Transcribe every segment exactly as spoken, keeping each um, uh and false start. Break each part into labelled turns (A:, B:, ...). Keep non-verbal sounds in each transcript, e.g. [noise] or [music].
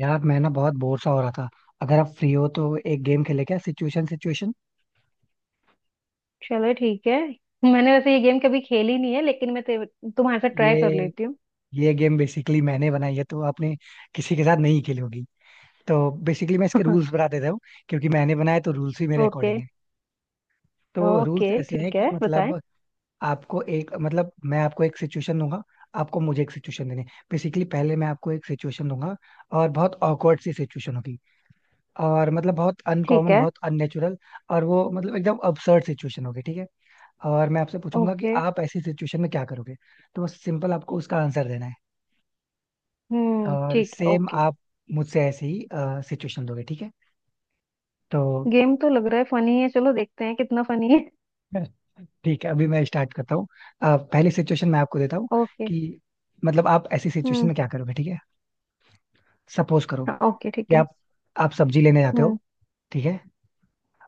A: यार मैं ना बहुत बोर सा हो रहा था। अगर आप फ्री हो तो एक गेम खेले, क्या सिचुएशन सिचुएशन।
B: चलो ठीक है। मैंने वैसे ये गेम कभी खेली नहीं है लेकिन मैं ते- तुम्हारे साथ ट्राई कर
A: ये
B: लेती हूँ।
A: ये गेम बेसिकली मैंने बनाई है, तो आपने किसी के साथ नहीं खेली होगी। तो बेसिकली मैं इसके रूल्स
B: [laughs]
A: बता देता हूँ, क्योंकि मैंने बनाया तो रूल्स भी मेरे
B: ओके।
A: अकॉर्डिंग है। तो रूल्स
B: ओके
A: ऐसे हैं
B: ठीक
A: कि
B: है बताएं।
A: मतलब आपको एक मतलब मैं आपको एक सिचुएशन दूंगा, आपको मुझे एक सिचुएशन देनी। बेसिकली पहले मैं आपको एक सिचुएशन दूंगा, और बहुत ऑकवर्ड सी सिचुएशन होगी, और मतलब बहुत
B: ठीक
A: अनकॉमन,
B: है
A: बहुत अननेचुरल, और वो मतलब एकदम अबसर्ड सिचुएशन होगी, ठीक है। और मैं आपसे पूछूंगा कि
B: ओके।
A: आप ऐसी सिचुएशन में क्या करोगे। तो बस सिंपल आपको उसका आंसर देना है।
B: हम्म
A: और
B: ठीक है
A: सेम
B: ओके।
A: आप मुझसे ऐसे ही सिचुएशन दोगे, ठीक है। तो
B: गेम तो लग रहा है फनी है चलो देखते हैं कितना फनी है।
A: ठीक है, अभी मैं स्टार्ट करता हूँ। अ, पहली सिचुएशन मैं आपको देता हूँ
B: ओके।
A: कि मतलब आप ऐसी सिचुएशन
B: हम्म।
A: में क्या करोगे, ठीक है। सपोज करो
B: हाँ ओके ठीक
A: कि
B: है।
A: आप आप सब्जी लेने जाते हो,
B: हम्म।
A: ठीक है।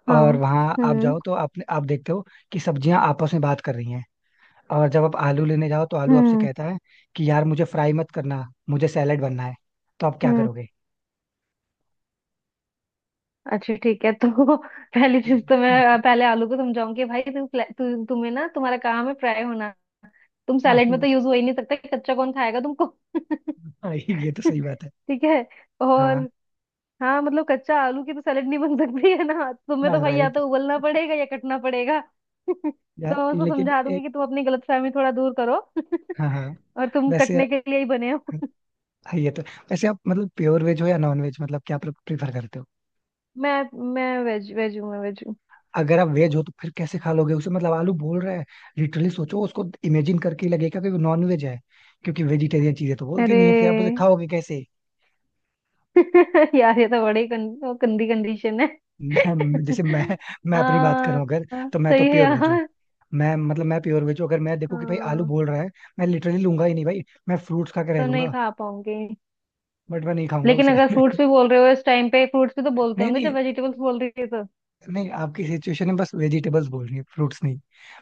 B: हाँ।
A: और वहां आप
B: हम्म।
A: जाओ तो आपने आप देखते हो कि सब्जियां आपस में बात कर रही हैं। और जब आप आलू लेने जाओ तो आलू आपसे
B: हम्म।
A: कहता है कि यार मुझे फ्राई मत करना, मुझे सैलेड बनना है, तो आप क्या
B: हम्म।
A: करोगे?
B: अच्छा ठीक है तो [laughs] पहली चीज तो मैं अ,
A: [laughs]
B: पहले आलू को समझाऊंगी, भाई तू, फ्ला- तू तुम्हें ना तुम्हारा काम है फ्राई होना। तुम
A: हाँ।
B: सैलेड में तो यूज हो ही नहीं सकता, कच्चा कौन खाएगा तुमको। [laughs]
A: हाँ, ये तो
B: [laughs]
A: सही बात है।
B: ठीक है।
A: हाँ
B: और। हाँ, मतलब कच्चा आलू की तो सैलेड नहीं बन सकती है ना, तुम्हें
A: हाँ
B: तो भाई या
A: राइट,
B: तो उबलना पड़ेगा या कटना पड़ेगा। [laughs] तो
A: यार
B: मैं उसको
A: लेकिन
B: समझा दूंगी
A: एक।
B: कि तुम अपनी गलतफहमी थोड़ा दूर करो।
A: हाँ हाँ,
B: [laughs] और तुम
A: वैसे,
B: कटने के लिए ही बने हो। [laughs]
A: हाँ, ये तो, वैसे। आप मतलब प्योर वेज हो या नॉन वेज, मतलब क्या प्रीफर करते हो?
B: मैं मैं वेज वेज हूँ, मैं वेज हूँ।
A: अगर आप वेज हो तो फिर कैसे खा लोगे उसे, मतलब आलू बोल रहा है। लिटरली सोचो, उसको इमेजिन करके ही लगेगा कि वो नॉन वेज है, क्योंकि वेजिटेरियन चीजें तो बोलती नहीं है, फिर आप उसे
B: अरे।
A: खाओगे कैसे?
B: [laughs] यार ये तो बड़ी कं, गंदी कंडीशन है।
A: [laughs] मैं- जैसे
B: [laughs]
A: मैं मैं
B: आ,
A: अपनी बात करूं अगर, तो मैं तो
B: सही है
A: प्योर वेज हूँ,
B: यार।
A: मैं मतलब मैं प्योर वेज हूँ। अगर मैं देखूं कि भाई आलू
B: हाँ,
A: बोल रहा है, मैं लिटरली लूंगा ही नहीं भाई, मैं फ्रूट्स खा के रह
B: तो नहीं
A: लूंगा,
B: खा पाऊंगी।
A: बट मैं नहीं खाऊंगा
B: लेकिन
A: उसे।
B: अगर फ्रूट्स
A: [laughs]
B: भी बोल रहे हो इस टाइम पे, फ्रूट्स भी तो बोलते
A: नहीं
B: होंगे जब
A: नहीं,
B: वेजिटेबल्स बोल रही है तो।
A: नहीं आपकी सिचुएशन में बस वेजिटेबल्स बोल रही है, फ्रूट्स नहीं,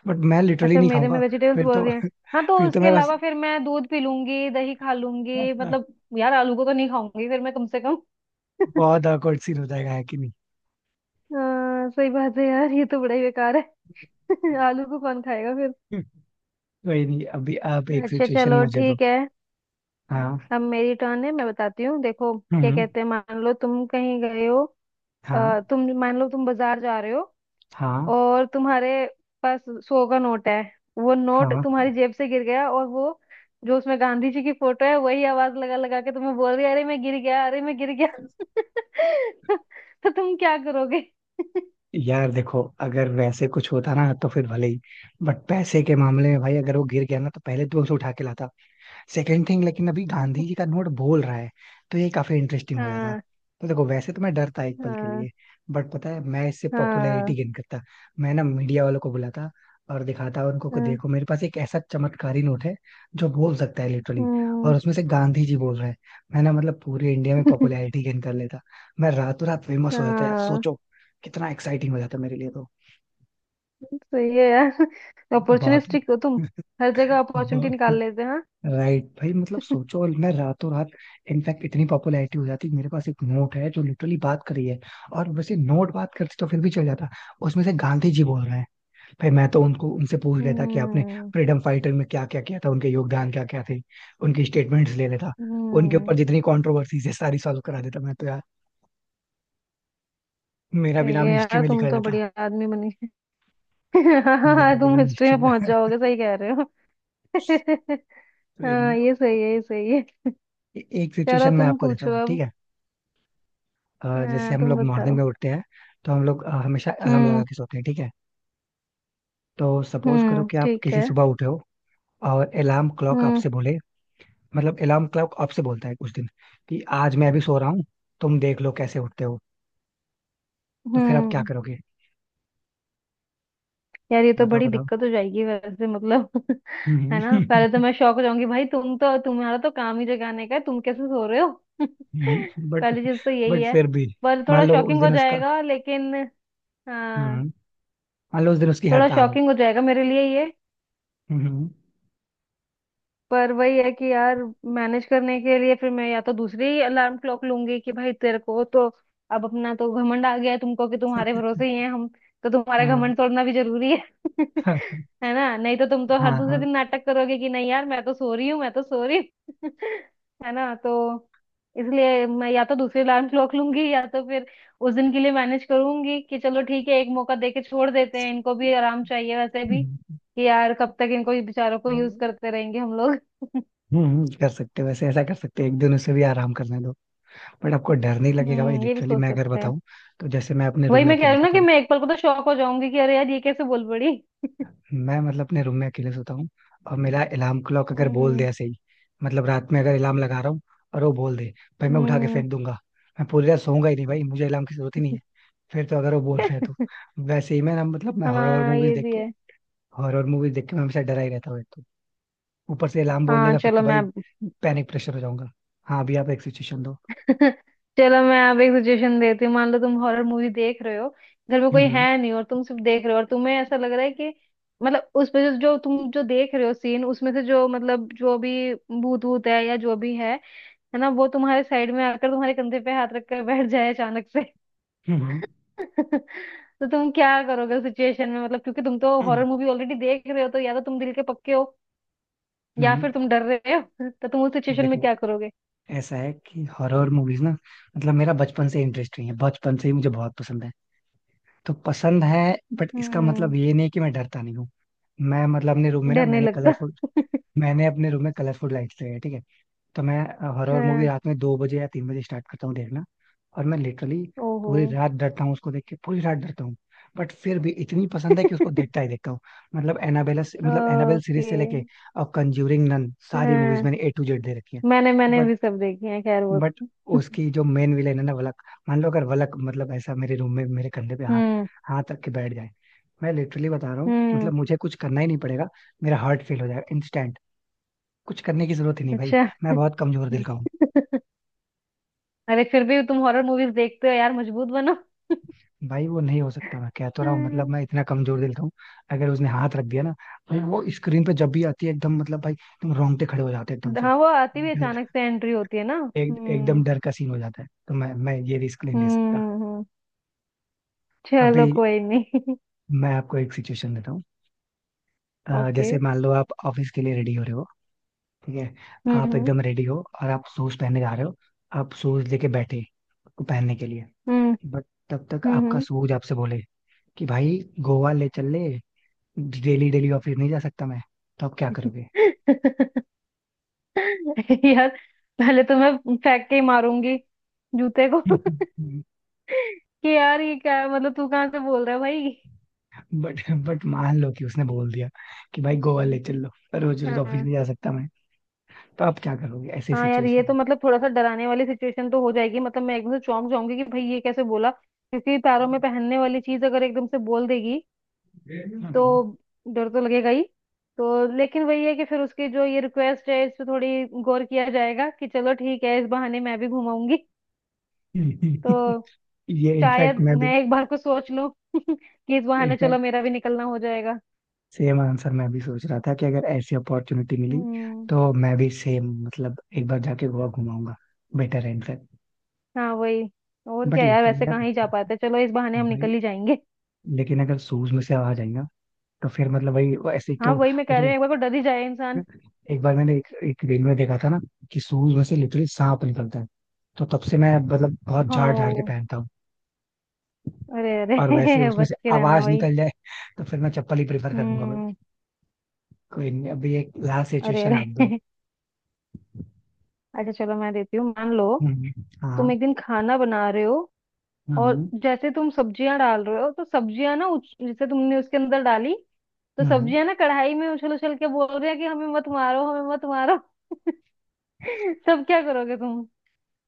A: बट मैं लिटरली
B: अच्छा
A: नहीं
B: मेरे में
A: खाऊंगा।
B: वेजिटेबल्स
A: फिर
B: बोल
A: तो
B: रहे हैं। हाँ
A: [laughs]
B: तो
A: फिर तो
B: उसके
A: मैं बस,
B: अलावा फिर मैं दूध पी लूंगी दही खा लूंगी, मतलब। यार आलू को तो नहीं खाऊंगी फिर मैं कम से कम। [laughs]
A: बहुत awkward सीन हो जाएगा, है कि नहीं?
B: हाँ सही बात है यार, ये तो बड़ा ही बेकार है। [laughs] आलू को कौन खाएगा फिर।
A: [laughs] कोई नहीं, अभी आप एक
B: अच्छा
A: सिचुएशन
B: चलो
A: मुझे दो।
B: ठीक है।
A: हाँ,
B: अब मेरी टर्न है, मैं बताती हूँ देखो क्या
A: हम्म,
B: कहते हैं। मान लो तुम कहीं गए हो। अ,
A: हाँ,
B: तुम मान लो तुम बाजार जा रहे हो
A: हाँ,
B: और तुम्हारे पास सौ का नोट है। वो नोट
A: हाँ।
B: तुम्हारी जेब से गिर गया और वो जो उसमें गांधी जी की फोटो है वही आवाज लगा लगा के तुम्हें बोल रही है, अरे मैं गिर गया, अरे मैं गिर गया। [laughs] तो, तो तुम क्या करोगे।
A: यार देखो, अगर वैसे कुछ होता ना तो फिर भले ही, बट पैसे के मामले में भाई अगर वो गिर गया ना तो पहले तो मैं उसे उठा के लाता। सेकंड थिंग, लेकिन अभी गांधी जी का
B: [laughs]
A: नोट बोल रहा है, तो ये काफी इंटरेस्टिंग हो जाता।
B: हाँ।
A: तो देखो, वैसे तो मैं डरता एक पल के
B: हाँ।
A: लिए, बट पता है मैं इससे
B: हाँ।
A: पॉपुलैरिटी गेन करता। मैं ना मीडिया वालों को बुलाता और दिखाता उनको को,
B: हाँ।
A: देखो मेरे पास एक ऐसा चमत्कारी नोट है जो बोल सकता है लिटरली,
B: हम्म।
A: और उसमें से गांधी जी बोल रहे हैं। मैं ना मतलब पूरे इंडिया में
B: [laughs]
A: पॉपुलैरिटी गेन कर लेता, मैं रातों रात फेमस हो जाता, यार
B: हाँ
A: सोचो कितना एक्साइटिंग हो जाता मेरे लिए, तो
B: सही है यार,
A: बहुत।
B: अपॉर्चुनिस्टिक हो तुम।
A: [laughs]
B: हर जगह अपॉर्चुनिटी निकाल
A: बहुत
B: लेते हैं हाँ?
A: राइट भाई, मतलब सोचो,
B: [laughs]
A: और मैं रातों रात इनफैक्ट इतनी पॉपुलैरिटी हो जाती, मेरे पास एक नोट है जो लिटरली बात करी है, और वैसे नोट बात करते तो फिर भी चल जाता, उसमें से गांधी जी बोल रहे हैं। भाई मैं तो उनको उनसे पूछ लेता कि आपने
B: हम्म।
A: फ्रीडम फाइटर में क्या क्या किया था, उनके योगदान क्या क्या थे, उनकी स्टेटमेंट्स ले लेता, उनके ऊपर
B: हम्म।
A: जितनी कॉन्ट्रोवर्सीज है सारी सॉल्व करा देता मैं तो, यार मेरा भी
B: सही
A: नाम
B: है
A: हिस्ट्री
B: यार,
A: में
B: तुम
A: लिखा
B: तो
A: जाता,
B: बढ़िया आदमी बनी। [laughs] हाँ
A: मेरा भी
B: तुम
A: नाम
B: हिस्ट्री
A: हिस्ट्री
B: में
A: में।
B: पहुंच
A: [laughs]
B: जाओगे, सही कह रहे हो। [laughs]
A: तो ये
B: हाँ
A: नहीं।
B: ये सही है, ये सही है।
A: ए- एक
B: चलो
A: सिचुएशन मैं
B: तुम
A: आपको देता
B: पूछो
A: हूँ,
B: अब।
A: ठीक है। अ, जैसे
B: हाँ
A: हम
B: तुम
A: लोग मॉर्निंग
B: बताओ।
A: में उठते हैं, तो हम लोग अ, हमेशा अलार्म लगा
B: हम्म।
A: के सोते हैं, ठीक है। तो सपोज करो
B: हम्म
A: कि आप
B: ठीक
A: किसी
B: है।
A: सुबह उठे हो, और अलार्म क्लॉक
B: हम्म।
A: आपसे बोले, मतलब अलार्म क्लॉक आपसे बोलता है कुछ दिन कि आज मैं अभी सो रहा हूँ, तुम देख लो कैसे उठते हो, तो फिर आप क्या
B: हम्म।
A: करोगे?
B: यार ये तो
A: बताओ
B: बड़ी
A: बताओ।
B: दिक्कत हो जाएगी वैसे, मतलब, [laughs] है ना,
A: हम्म।
B: पहले तो
A: [laughs]
B: मैं शौक हो जाऊंगी, भाई तुम तो, तुम्हारा तो काम ही जगाने का है, तुम कैसे सो रहे हो। [laughs]
A: बट
B: पहली चीज तो यही
A: बट
B: है।
A: फिर भी
B: पर
A: मान
B: थोड़ा
A: लो उस
B: शॉकिंग हो
A: दिन उसका
B: जाएगा लेकिन। हाँ।
A: हम्म, मान लो उस दिन उसकी
B: थोड़ा
A: हड़ताल हो।
B: शॉकिंग हो जाएगा मेरे लिए ये।
A: हम्म,
B: पर वही है कि यार, मैनेज करने के लिए फिर मैं या तो दूसरी अलार्म क्लॉक लूंगी कि भाई तेरे को तो अब अपना तो घमंड आ गया है, तुमको कि तुम्हारे भरोसे ही हैं हम, तो तुम्हारा
A: हाँ।
B: घमंड तोड़ना भी जरूरी है। [laughs]
A: [laughs]
B: है ना, नहीं तो तुम तो हर
A: हाँ,
B: दूसरे
A: हाँ,
B: दिन नाटक करोगे कि नहीं यार मैं तो सो रही हूँ, मैं तो सो रही हूँ। [laughs] है ना, तो इसलिए मैं या तो दूसरी अलार्म क्लॉक लूंगी या तो फिर उस दिन के लिए मैनेज करूंगी कि चलो ठीक है एक मौका दे के छोड़ देते हैं, इनको भी आराम चाहिए वैसे भी,
A: हम्म,
B: कि यार कब तक इनको, ये बेचारों को यूज करते रहेंगे हम लोग।
A: हम्म, कर सकते हो, वैसे ऐसा कर सकते हो, एक दिन उसे भी आराम करने दो। बट आपको डर नहीं लगेगा भाई,
B: हम्म ये भी
A: लिटरली
B: सोच
A: मैं अगर
B: सकते हैं।
A: बताऊं, तो जैसे मैं अपने रूम
B: वही
A: में
B: मैं कह
A: अकेले
B: रही हूँ ना
A: सोता
B: कि
A: हूँ,
B: मैं एक पल को तो शौक हो जाऊंगी कि अरे यार ये कैसे बोल पड़ी।
A: मैं मतलब अपने रूम में अकेले सोता हूँ, और मेरा अलार्म क्लॉक अगर बोल दे
B: हम्म।
A: ऐसे ही, मतलब रात में अगर अलार्म लगा रहा हूँ और वो बोल दे, भाई मैं उठा के
B: हम्म।
A: फेंक दूंगा। मैं पूरी रात सोऊंगा ही नहीं भाई, मुझे अलार्म की जरूरत ही नहीं है, फिर तो अगर वो बोल रहे हैं तो।
B: हम्म।
A: वैसे ही मैं ना मतलब
B: [laughs]
A: मैं हॉरर
B: हाँ
A: मूवीज
B: ये
A: देख
B: भी
A: के,
B: है।
A: हॉरर मूवीज देख के मैं हमेशा डरा ही रहता हूँ एक तो, ऊपर से अलार्म बोल
B: हाँ
A: देगा फिर
B: चलो
A: तो
B: मैं
A: भाई
B: अब-
A: पैनिक प्रेशर हो जाऊंगा। हाँ अभी आप एक सिचुएशन दो।
B: [laughs] चलो मैं अब एक सजेशन देती हूँ। मान लो तुम हॉरर मूवी देख रहे हो, घर में कोई
A: हम्म,
B: है नहीं और तुम सिर्फ देख रहे हो और तुम्हें ऐसा लग रहा है कि, मतलब उसमें जो जो तुम जो देख रहे हो सीन, उसमें से जो मतलब जो भी भूत भूत है या जो भी है है ना, वो तुम्हारे साइड में आकर तुम्हारे कंधे पे हाथ रखकर बैठ जाए अचानक।
A: हम्म, हम्म,
B: [laughs] तो तुम क्या करोगे उस सिचुएशन में, मतलब क्योंकि तुम तो
A: हम्म,
B: हॉरर मूवी ऑलरेडी देख रहे हो, तो या तो तुम दिल के पक्के हो या
A: हम्म।
B: फिर तुम डर रहे हो। [laughs] तो तुम उस सिचुएशन में
A: देखो,
B: क्या करोगे।
A: ऐसा है कि हॉरर मूवीज ना, मतलब मेरा बचपन से इंटरेस्ट नहीं है, बचपन से ही मुझे बहुत पसंद है, तो पसंद है, बट इसका
B: हम्म।
A: मतलब ये नहीं कि मैं डरता नहीं हूँ। मैं मतलब अपने रूम में ना
B: डर नहीं
A: मैंने
B: लगता।
A: कलरफुल,
B: [laughs]
A: मैंने अपने रूम में कलरफुल लाइट्स लगाई है, ठीक है। तो मैं हॉरर मूवी
B: हाँ।
A: रात में दो बजे या तीन बजे स्टार्ट करता हूँ देखना, और मैं लिटरली
B: ओहो।
A: पूरी रात डरता हूँ उसको देख के, पूरी रात डरता हूँ, बट फिर भी इतनी पसंद है कि उसको देखता
B: [laughs]
A: ही देखता हूँ। मतलब एनाबेला मतलब एनाबेल सीरीज
B: ओके।
A: से लेके और कंज्यूरिंग नन, सारी मूवीज
B: हाँ,
A: मैंने ए टू जेड दे रखी है।
B: मैंने मैंने भी सब देखी है खैर वो।
A: बट
B: [laughs]
A: उसकी जो मेन विलेन है ना वलक, मान लो अगर वलक मतलब ऐसा मेरे रूम में मेरे कंधे पे हाथ
B: हम्म।
A: हाथ रख के बैठ जाए, मैं लिटरली बता रहा हूँ
B: हम्म।
A: मतलब मुझे कुछ करना ही नहीं पड़ेगा, मेरा हार्ट फेल हो जाएगा इंस्टेंट, कुछ करने की जरूरत ही नहीं भाई,
B: अच्छा।
A: मैं बहुत कमजोर
B: [laughs]
A: दिल का हूँ।
B: अरे फिर भी तुम हॉरर मूवीज देखते हो यार, मजबूत बनो। [laughs]
A: भाई वो नहीं हो सकता, मैं कह तो रहा हूँ, मतलब
B: हम्म,
A: मैं इतना कमजोर दिल का हूँ, अगर उसने हाथ रख दिया ना, भाई वो स्क्रीन पे जब भी आती है एकदम, मतलब भाई एकदम रोंगटे खड़े हो जाते हैं एकदम से,
B: हाँ वो आती भी
A: डर
B: अचानक से, एंट्री होती है ना।
A: एक
B: हम्म।
A: एकदम डर का सीन हो जाता है, तो मैं मैं ये रिस्क नहीं ले
B: हम्म।
A: सकता।
B: हम्म, हम्म,
A: अभी
B: चलो कोई नहीं। [laughs]
A: मैं आपको एक सिचुएशन देता हूँ, अ,
B: ओके।
A: जैसे मान लो आप ऑफिस के लिए रेडी हो रहे हो, ठीक है। आप
B: हम्म।
A: एकदम रेडी हो और आप शूज पहनने जा रहे हो, आप शूज लेके बैठे को पहनने के लिए,
B: हम्म।
A: बट तब तक
B: हम्म। हम्म।
A: आपका
B: हम्म।
A: सूझ आपसे बोले कि भाई गोवा ले चल ले, डेली डेली ऑफिस नहीं जा सकता मैं, तो आप क्या करोगे?
B: [laughs] यार पहले तो मैं फेंक के ही मारूंगी जूते को। [laughs]
A: [laughs]
B: कि यार ये क्या है? मतलब तू कहाँ से बोल रहा है भाई।
A: बट बट मान लो कि उसने बोल दिया कि भाई गोवा ले चल लो, रोज रोज ऑफिस
B: हाँ।
A: नहीं जा सकता मैं, तो आप क्या करोगे ऐसी
B: हाँ यार ये
A: सिचुएशन
B: तो
A: में?
B: मतलब थोड़ा सा डराने वाली सिचुएशन तो हो जाएगी, मतलब मैं एकदम से चौंक जाऊंगी कि भाई ये कैसे बोला, क्योंकि पैरों में पहनने वाली चीज अगर एकदम से बोल देगी तो
A: [laughs]
B: डर तो लगेगा ही। तो लेकिन वही है कि फिर उसकी जो ये रिक्वेस्ट है इस पे थोड़ी गौर किया जाएगा कि चलो ठीक है इस बहाने मैं भी घुमाऊंगी, तो
A: ये इनफैक्ट
B: शायद
A: मैं भी,
B: मैं एक बार को सोच लूं [laughs] कि इस बहाने चलो मेरा भी निकलना हो जाएगा।
A: सेम आंसर मैं भी सोच रहा था, कि अगर ऐसी अपॉर्चुनिटी मिली
B: हम्म।
A: तो मैं भी सेम मतलब एक बार जाके गोवा घुमाऊंगा, बेटर है इनफैक्ट।
B: हाँ वही, और
A: बट
B: क्या यार,
A: लिटरली
B: वैसे
A: यार
B: कहाँ ही जा पाते, चलो इस बहाने हम
A: भाई,
B: निकल ही जाएंगे।
A: लेकिन अगर शूज में से आवाज आई ना तो फिर मतलब वही वो ऐसे ही तो
B: हाँ वही मैं
A: वो
B: कह रही
A: जो,
B: हूँ, एक बार को डर ही जाए इंसान।
A: एक बार मैंने एक, एक रील में देखा था ना कि शूज में से लिटरली सांप निकलता है, तो तब से मैं मतलब बहुत झाड़ झाड़ के
B: हाँ।
A: पहनता हूँ।
B: अरे अरे।
A: और वैसे
B: [laughs]
A: उसमें से
B: बच के रहना
A: आवाज
B: वही।
A: निकल जाए तो फिर मैं चप्पल ही प्रेफर करूंगा भाई।
B: हम्म।
A: कोई नहीं, अभी एक लास्ट
B: अरे
A: सिचुएशन आप दो।
B: अरे। [laughs] अच्छा चलो मैं देती हूँ, मान लो
A: हम्म,
B: तुम
A: हाँ,
B: एक दिन खाना बना रहे हो और
A: हम्म,
B: जैसे तुम सब्जियां डाल रहे हो, तो सब्जियां ना उछ- जैसे तुमने उसके अंदर डाली तो
A: हम्म।
B: सब्जियां ना कढ़ाई में उछल उछल के बोल रहे हैं कि हमें मत मारो, हमें मत मारो। [laughs] सब क्या करोगे तुम।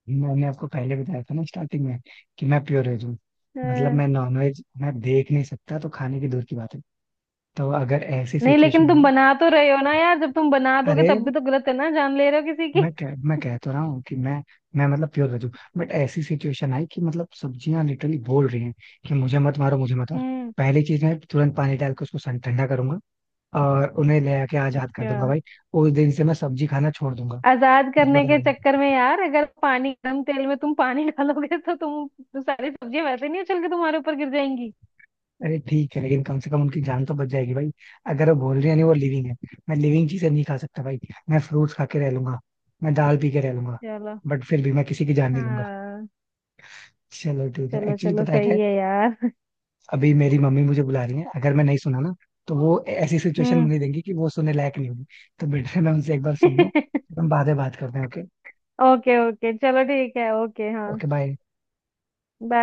A: मैंने आपको पहले बताया था ना स्टार्टिंग में कि मैं प्योर वेज हूँ, मतलब
B: हाँ।
A: मैं नॉनवेज मैं देख नहीं सकता, तो खाने की दूर की बात है, तो अगर ऐसी
B: नहीं
A: सिचुएशन
B: लेकिन
A: में,
B: तुम बना तो रहे हो ना यार, जब तुम बना दोगे
A: अरे
B: तब भी तो गलत है ना, जान ले रहे हो किसी की।
A: मैं कह, मैं कह तो रहा हूँ कि मैं मैं मतलब प्योर वेज हूँ, बट ऐसी सिचुएशन आई कि मतलब सब्जियां लिटरली बोल रही हैं कि मुझे मत मारो, मुझे मत मारो।
B: हम्म।
A: पहली चीज, मैं तुरंत पानी डाल के उसको सन ठंडा करूंगा, और उन्हें ले आके आजाद कर
B: अच्छा।
A: दूंगा भाई। उस दिन से मैं सब्जी खाना छोड़ दूंगा,
B: आजाद
A: सच
B: करने
A: बता
B: के
A: रहा हूँ।
B: चक्कर में यार, अगर पानी, गर्म तेल में तुम पानी [laughs] डालोगे, तो तुम तो सारी सब्जियां वैसे नहीं उछल के तुम्हारे ऊपर गिर जाएंगी।
A: अरे ठीक है लेकिन कम से कम उनकी जान तो बच जाएगी भाई, अगर वो बोल रही है, नहीं वो लिविंग है, मैं लिविंग चीजें नहीं खा सकता भाई, मैं फ्रूट्स खा के रह लूंगा, मैं दाल पी के रह लूंगा,
B: चलो।
A: बट फिर भी मैं किसी की जान नहीं लूंगा।
B: हाँ।
A: चलो ठीक है,
B: चलो
A: एक्चुअली
B: चलो
A: पता है क्या
B: सही
A: है,
B: है यार। [laughs]
A: अभी मेरी मम्मी मुझे बुला रही है, अगर मैं नहीं सुना ना तो वो ऐसी सिचुएशन
B: हम्म।
A: मुझे देंगी कि वो सुनने लायक नहीं होगी, तो बेटर है मैं उनसे एक बार सुन लूं, फिर
B: [laughs]
A: हम बाद में बात करते हैं, ओके।
B: ओके ओके चलो ठीक है, ओके हाँ।
A: Okay bye.
B: बाय।